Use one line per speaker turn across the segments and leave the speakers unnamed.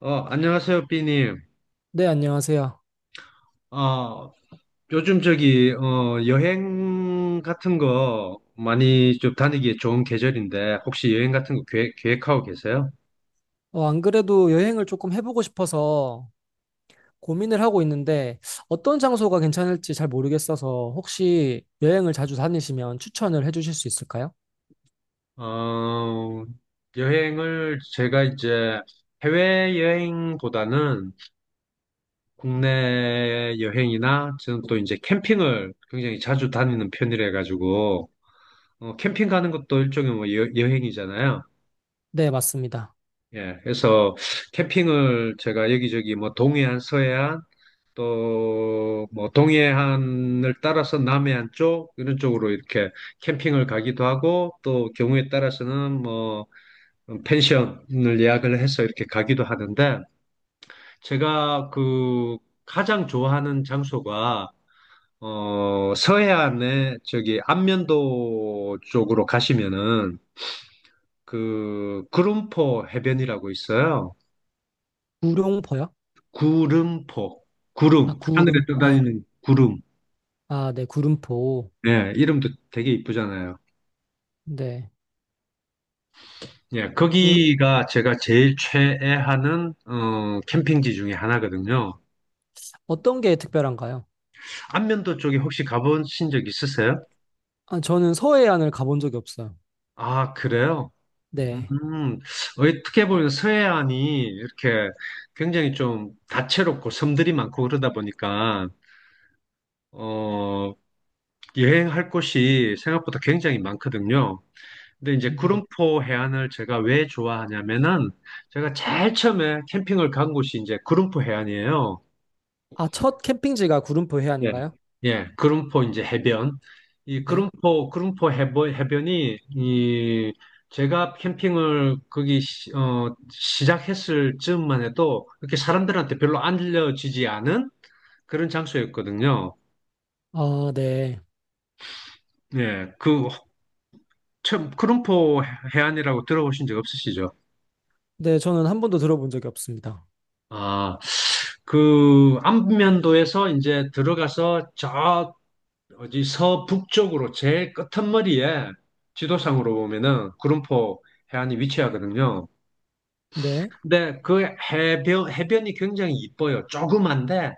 안녕하세요, 삐님.
네, 안녕하세요.
어, 요즘 저기, 여행 같은 거 많이 좀 다니기 에 좋은 계절인데, 혹시 여행 같은 거 계획하고 계세요?
안 그래도 여행을 조금 해보고 싶어서 고민을 하고 있는데 어떤 장소가 괜찮을지 잘 모르겠어서 혹시 여행을 자주 다니시면 추천을 해주실 수 있을까요?
어, 여행을 제가 이제 해외여행보다는 국내 여행이나 저는 또 이제 캠핑을 굉장히 자주 다니는 편이라 가지고, 캠핑 가는 것도 일종의 뭐 여행이잖아요.
네, 맞습니다.
예, 그래서 캠핑을 제가 여기저기 뭐 동해안, 서해안 또 뭐 동해안을 따라서 남해안 쪽 이런 쪽으로 이렇게 캠핑을 가기도 하고 또 경우에 따라서는 뭐 펜션을 예약을 해서 이렇게 가기도 하는데 제가 그 가장 좋아하는 장소가 서해안에 저기 안면도 쪽으로 가시면은 그 구름포 해변이라고 있어요.
구룡포요?
구름포.
아,
구름. 하늘에
구름, 아,
떠다니는 구름.
아, 네, 구름포.
예, 이름도 되게 이쁘잖아요.
네.
예,
그,
거기가 제가 제일 최애하는 캠핑지 중에 하나거든요.
어떤 게 특별한가요?
안면도 쪽에 혹시 가보신 적 있으세요?
아, 저는 서해안을 가본 적이 없어요.
아, 그래요?
네.
음, 어떻게 보면 서해안이 이렇게 굉장히 좀 다채롭고 섬들이 많고 그러다 보니까, 어, 여행할 곳이 생각보다 굉장히 많거든요. 근데 이제
네.
구름포 해안을 제가 왜 좋아하냐면은 제가 제일 처음에 캠핑을 간 곳이 이제 구름포 해안이에요.
아, 첫 캠핑지가 구름포
예,
해안인가요?
예, 구름포 이제 해변. 이
네.
구름포 해변이 이 제가 캠핑을 거기 시작했을 즈음만 해도 이렇게 사람들한테 별로 알려지지 않은 그런 장소였거든요.
아, 네.
예, 그 처음 구름포 해안이라고 들어보신 적 없으시죠?
네, 저는 한 번도 들어본 적이 없습니다.
아, 그 안면도에서 이제 들어가서 저 어디 서북쪽으로 제일 끝머리에 지도상으로 보면은 구름포 해안이 위치하거든요.
네.
근데 그 해변이 굉장히 이뻐요. 조그만데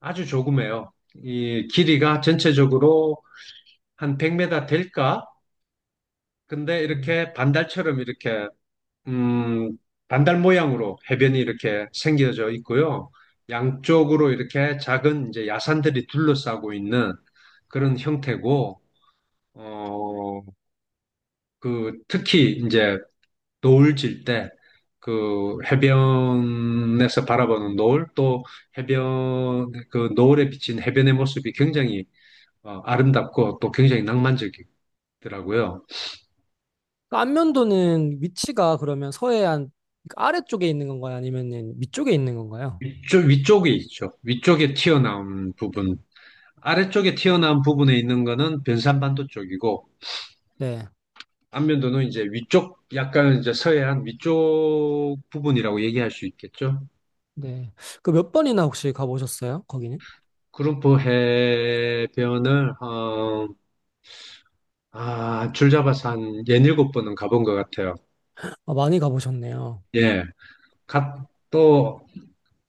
아주 조그매요. 이 길이가 전체적으로 한 100m 될까? 근데
음.
이렇게 반달처럼 이렇게 음, 반달 모양으로 해변이 이렇게 생겨져 있고요. 양쪽으로 이렇게 작은 이제 야산들이 둘러싸고 있는 그런 형태고, 어, 그 특히 이제 노을 질 때 그 해변에서 바라보는 노을 또 해변 그 노을에 비친 해변의 모습이 굉장히 아름답고 또 굉장히 낭만적이더라고요.
그러니까 안면도는 위치가 그러면 서해안, 그러니까 아래쪽에 있는 건가요? 아니면은 위쪽에 있는 건가요?
위쪽에 있죠. 위쪽에 튀어나온 부분. 아래쪽에 튀어나온 부분에 있는 거는 변산반도 쪽이고,
네.
안면도는 이제 위쪽, 약간 이제 서해안 위쪽 부분이라고 얘기할 수 있겠죠.
네. 그 몇 번이나 혹시 가보셨어요? 거기는?
구름포 해변을, 아, 줄 잡아서 한 예닐곱 번은 가본 것 같아요.
아, 많이 가보셨네요.
예. 갔, 또,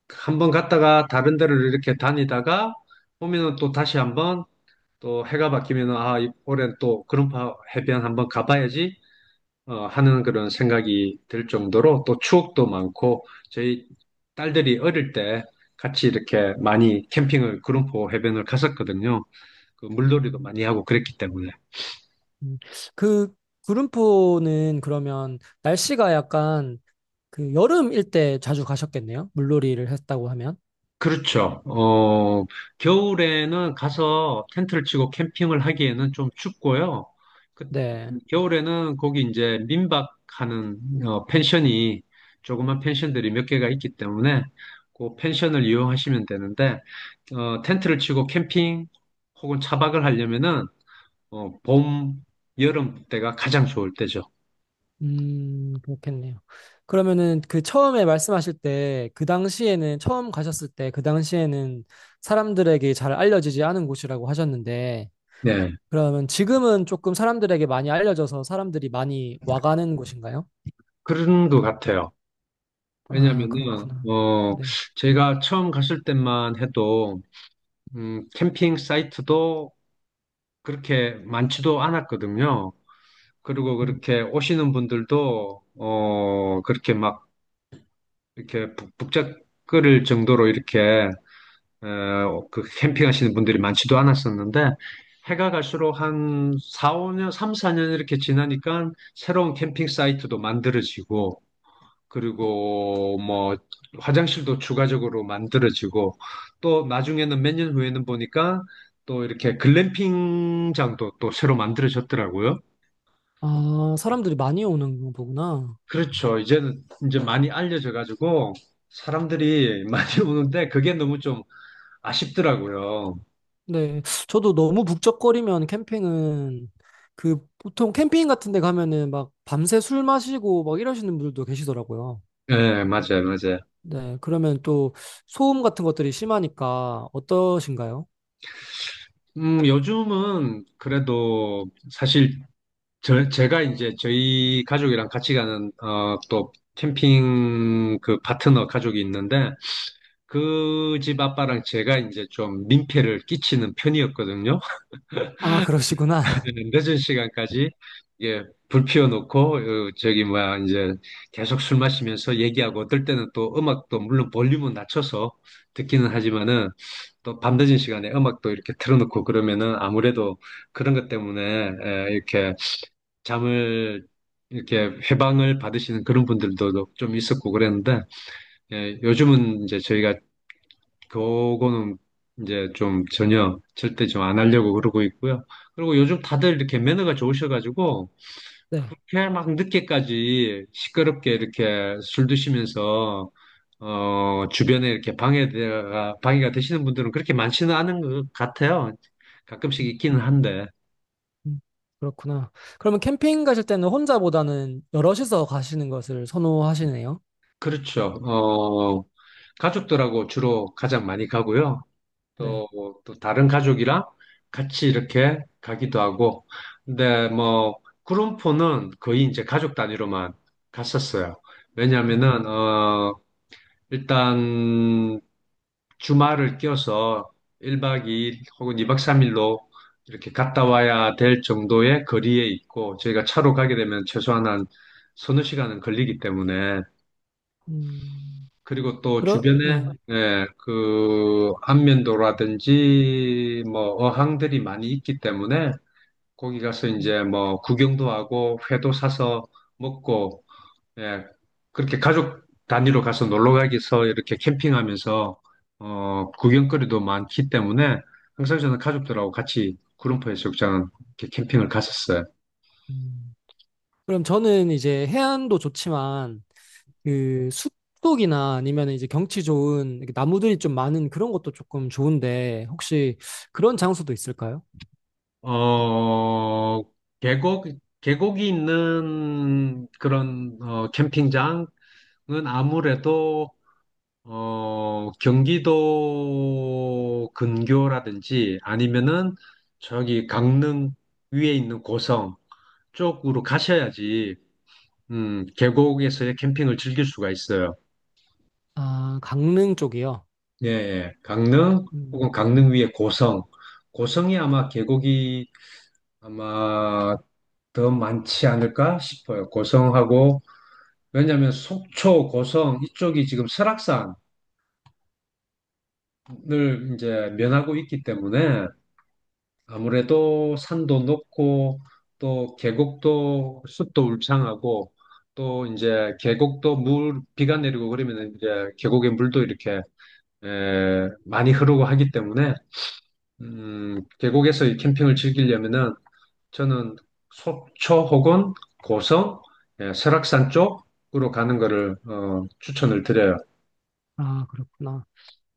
한 번 갔다가 다른 데를 이렇게 다니다가 오면은 또 다시 한번 또 해가 바뀌면은 아, 올해는 또 구름포 해변 한번 가봐야지 하는 그런 생각이 들 정도로 또 추억도 많고 저희 딸들이 어릴 때 같이 이렇게 많이 캠핑을 구름포 해변을 갔었거든요. 그 물놀이도
음,
많이 하고 그랬기 때문에.
음. 그 구름포는 그러면 날씨가 약간 그 여름일 때 자주 가셨겠네요? 물놀이를 했다고 하면.
그렇죠. 겨울에는 가서 텐트를 치고 캠핑을 하기에는 좀 춥고요. 그,
네.
겨울에는 거기 이제 민박하는 펜션이 조그만 펜션들이 몇 개가 있기 때문에 그 펜션을 이용하시면 되는데 텐트를 치고 캠핑 혹은 차박을 하려면은 어, 봄, 여름 때가 가장 좋을 때죠.
그렇겠네요. 그러면은 그 처음에 말씀하실 때, 그 당시에는, 처음 가셨을 때, 그 당시에는 사람들에게 잘 알려지지 않은 곳이라고 하셨는데,
네,
그러면 지금은 조금 사람들에게 많이 알려져서 사람들이 많이 와가는 곳인가요?
그런 것 같아요.
아,
왜냐면은
그렇구나. 네.
제가 처음 갔을 때만 해도 캠핑 사이트도 그렇게 많지도 않았거든요. 그리고
음.
그렇게 오시는 분들도, 그렇게 막, 이렇게 북적거릴 정도로 이렇게, 그 캠핑하시는 분들이 많지도 않았었는데, 해가 갈수록 한 4, 5년, 3, 4년 이렇게 지나니까 새로운 캠핑 사이트도 만들어지고, 그리고 뭐 화장실도 추가적으로 만들어지고 또 나중에는 몇 년 후에는 보니까 또 이렇게 글램핑장도 또 새로 만들어졌더라고요.
아, 사람들이 많이 오는 거구나.
그렇죠. 이제는 이제 많이 알려져 가지고 사람들이 많이 오는데 그게 너무 좀 아쉽더라고요.
네. 저도 너무 북적거리면 캠핑은, 그 보통 캠핑 같은 데 가면은 막 밤새 술 마시고 막 이러시는 분들도 계시더라고요.
예, 맞아요, 맞아요.
네, 그러면 또 소음 같은 것들이 심하니까 어떠신가요?
요즘은 그래도 사실 제가 이제 저희 가족이랑 같이 가는 어, 또 캠핑 그 파트너 가족이 있는데 그 집 아빠랑 제가 이제 좀 민폐를 끼치는 편이었거든요.
아, 그러시구나.
늦은 시간까지 예, 불 피워놓고 어, 저기 뭐야 이제 계속 술 마시면서 얘기하고 어떨 때는 또 음악도 물론 볼륨은 낮춰서 듣기는 하지만은 또 밤늦은 시간에 음악도 이렇게 틀어놓고 그러면은 아무래도 그런 것 때문에 이렇게 잠을 이렇게 해방을 받으시는 그런 분들도 좀 있었고 그랬는데 예, 요즘은 이제 저희가 그거는 이제 좀 전혀 절대 좀 안 하려고 그러고 있고요. 그리고 요즘 다들 이렇게 매너가 좋으셔가지고
네.
그렇게 막 늦게까지 시끄럽게 이렇게 술 드시면서 어 주변에 이렇게 방해가 되시는 분들은 그렇게 많지는 않은 것 같아요. 가끔씩
음,
있기는 한데
음, 그렇구나. 그러면 캠핑 가실 때는 혼자보다는 여럿이서 가시는 것을 선호하시네요.
그렇죠. 어 가족들하고 주로 가장 많이 가고요.
네.
또, 또 다른 가족이랑 같이 이렇게 가기도 하고. 근데 뭐, 구름포는 거의 이제 가족 단위로만 갔었어요.
음,
왜냐면은, 일단 주말을 껴서 1박 2일 혹은 2박 3일로 이렇게 갔다 와야 될 정도의 거리에 있고, 저희가 차로 가게 되면 최소한 한 서너 시간은 걸리기 때문에
음,
그리고 또
그러,
주변에
네.
예, 그 안면도라든지 뭐 어항들이 많이 있기 때문에 거기 가서 이제 뭐 구경도 하고 회도 사서 먹고 예, 그렇게 가족 단위로 가서 놀러 가기서 이렇게 캠핑하면서 구경거리도 많기 때문에 항상 저는 가족들하고 같이 구름포 해수욕장 이렇게 캠핑을 갔었어요.
음. 그럼 저는 이제 해안도 좋지만 그 숲속이나 아니면 이제 경치 좋은 이렇게 나무들이 좀 많은 그런 것도 조금 좋은데 혹시 그런 장소도 있을까요?
어, 계곡 계곡이 있는 그런 캠핑장 은 아무래도 경기도 근교라든지 아니면은 저기 강릉 위에 있는 고성 쪽으로 가셔야지 계곡에서의 캠핑을 즐길 수가 있어요.
아, 강릉 쪽이요.
예, 예. 강릉 혹은
음,
강릉 위에 고성. 고성이 아마 계곡이 아마 더 많지 않을까 싶어요. 고성하고 왜냐하면 속초, 고성 이쪽이 지금 설악산을 이제 면하고 있기 때문에 아무래도 산도 높고 또 계곡도 숲도 울창하고 또 이제 계곡도 물 비가 내리고 그러면 이제 계곡의 물도 이렇게 많이 흐르고 하기 때문에 계곡에서 이 캠핑을 즐기려면은 저는 속초 혹은 고성, 예, 설악산 쪽으로 가는 거를 추천을 드려요.
아, 그렇구나.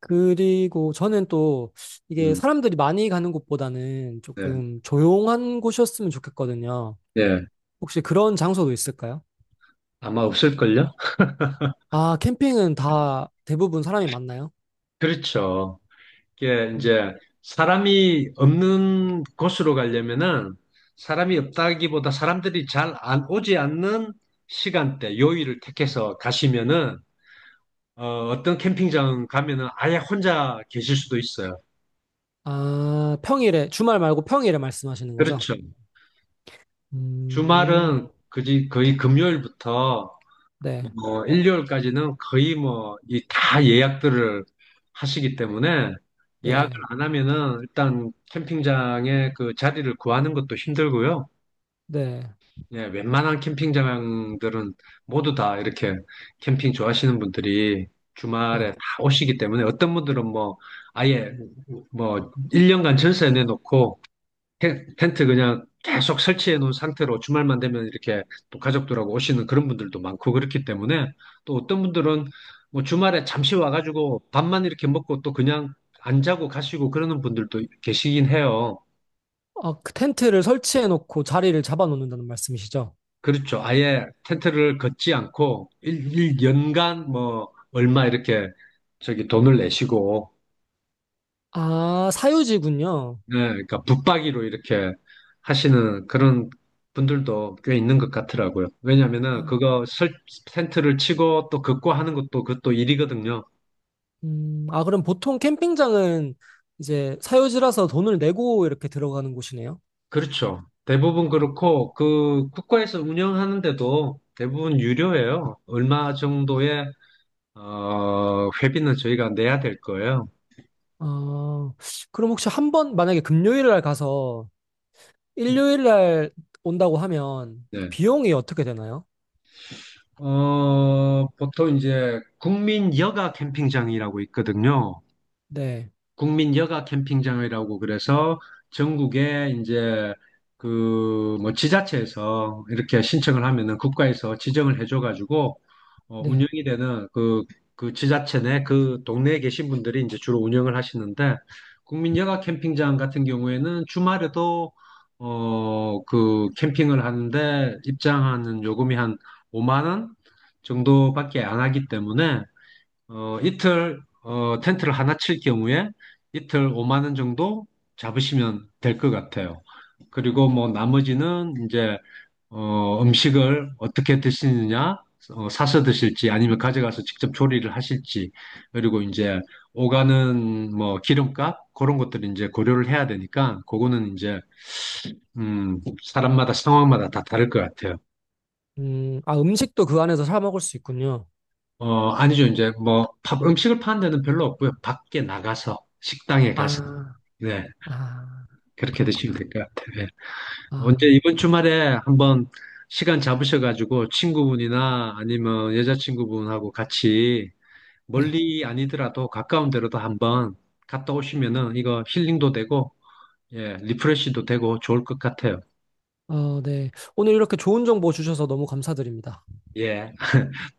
그리고 저는 또 이게
음,
사람들이 많이 가는 곳보다는
네,
조금 조용한 곳이었으면 좋겠거든요.
예,
혹시 그런 장소도 있을까요?
아마 없을걸요?
아, 캠핑은 다 대부분 사람이 많나요?
그렇죠. 이게
음,
이제 사람이 없는 곳으로 가려면은 사람이 없다기보다 사람들이 잘 안 오지 않는 시간대, 요일을 택해서 가시면은 어, 떤 캠핑장 가면은 아예 혼자 계실 수도 있어요.
아, 평일에, 주말 말고 평일에 말씀하시는 거죠?
그렇죠.
음,
주말은 그지 거의 금요일부터
네,
일요일까지는 거의 뭐 이 다 예약들을 하시기 때문에 예약을
네,
안 하면은 일단 캠핑장에 그 자리를 구하는 것도 힘들고요.
네,
네, 웬만한 캠핑장들은 모두 다 이렇게 캠핑 좋아하시는 분들이
네.
주말에 다 오시기 때문에 어떤 분들은 뭐 아예 뭐 1년간 전세 내놓고 텐트 그냥 계속 설치해 놓은 상태로 주말만 되면 이렇게 또 가족들하고 오시는 그런 분들도 많고 그렇기 때문에 또 어떤 분들은 뭐 주말에 잠시 와가지고 밥만 이렇게 먹고 또 그냥 안 자고 가시고 그러는 분들도 계시긴 해요.
어, 그 텐트를 설치해 놓고 자리를 잡아 놓는다는 말씀이시죠?
그렇죠. 아예 텐트를 걷지 않고 일 연간 뭐 얼마 이렇게 저기 돈을 내시고
아, 사유지군요.
네, 그러니까 붙박이로 이렇게 하시는 그런 분들도 꽤 있는 것 같더라고요. 왜냐하면은
아.
그거 텐트를 치고 또 걷고 하는 것도 그것도 일이거든요.
아, 그럼 보통 캠핑장은 이제 사유지라서 돈을 내고 이렇게 들어가는 곳이네요.
그렇죠. 대부분
음.
그렇고 그 국가에서 운영하는데도 대부분 유료예요. 얼마 정도의 회비는 저희가 내야 될 거예요.
아, 그럼 혹시 한 번, 만약에 금요일 날 가서
예.
일요일 날 온다고 하면
네.
비용이 어떻게 되나요?
보통 이제 국민 여가 캠핑장이라고 있거든요.
네,
국민 여가 캠핑장이라고 그래서 전국에 이제 그 뭐 지자체에서 이렇게 신청을 하면은 국가에서 지정을 해줘가지고
네.
운영이 되는 그, 그 지자체 내 그 동네에 계신 분들이 이제 주로 운영을 하시는데 국민 여가 캠핑장 같은 경우에는 주말에도 그 캠핑을 하는데 입장하는 요금이 한 5만 원 정도밖에 안 하기 때문에 어, 이틀 어, 텐트를 하나 칠 경우에 이틀 5만 원 정도 잡으시면 될 것 같아요.
어,
그리고 뭐 나머지는 이제 음식을 어떻게 드시느냐, 사서 드실지 아니면 가져가서 직접 조리를 하실지 그리고 이제 오가는 뭐 기름값 그런 것들을 이제 고려를 해야 되니까 그거는 이제 음, 사람마다 상황마다 다 다를 것 같아요.
아, 음식도 그 안에서 사 먹을 수 있군요.
아니죠. 이제 뭐, 밥, 음식을 파는 데는 별로 없고요. 밖에 나가서, 식당에 가서,
아,
네,
아,
그렇게 드시면
그렇구나.
될 것 같아요. 예. 언제
아,
이번 주말에 한번 시간 잡으셔가지고 친구분이나 아니면 여자친구분하고 같이
네.
멀리 아니더라도 가까운 데로도 한번 갔다 오시면은 이거 힐링도 되고, 예, 리프레시도 되고 좋을 것 같아요.
어, 네. 오늘 이렇게 좋은 정보 주셔서 너무 감사드립니다.
예.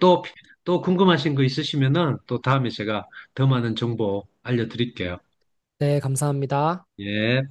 또, 또 궁금하신 거 있으시면은 또 다음에 제가 더 많은 정보 알려드릴게요.
네, 감사합니다.
예.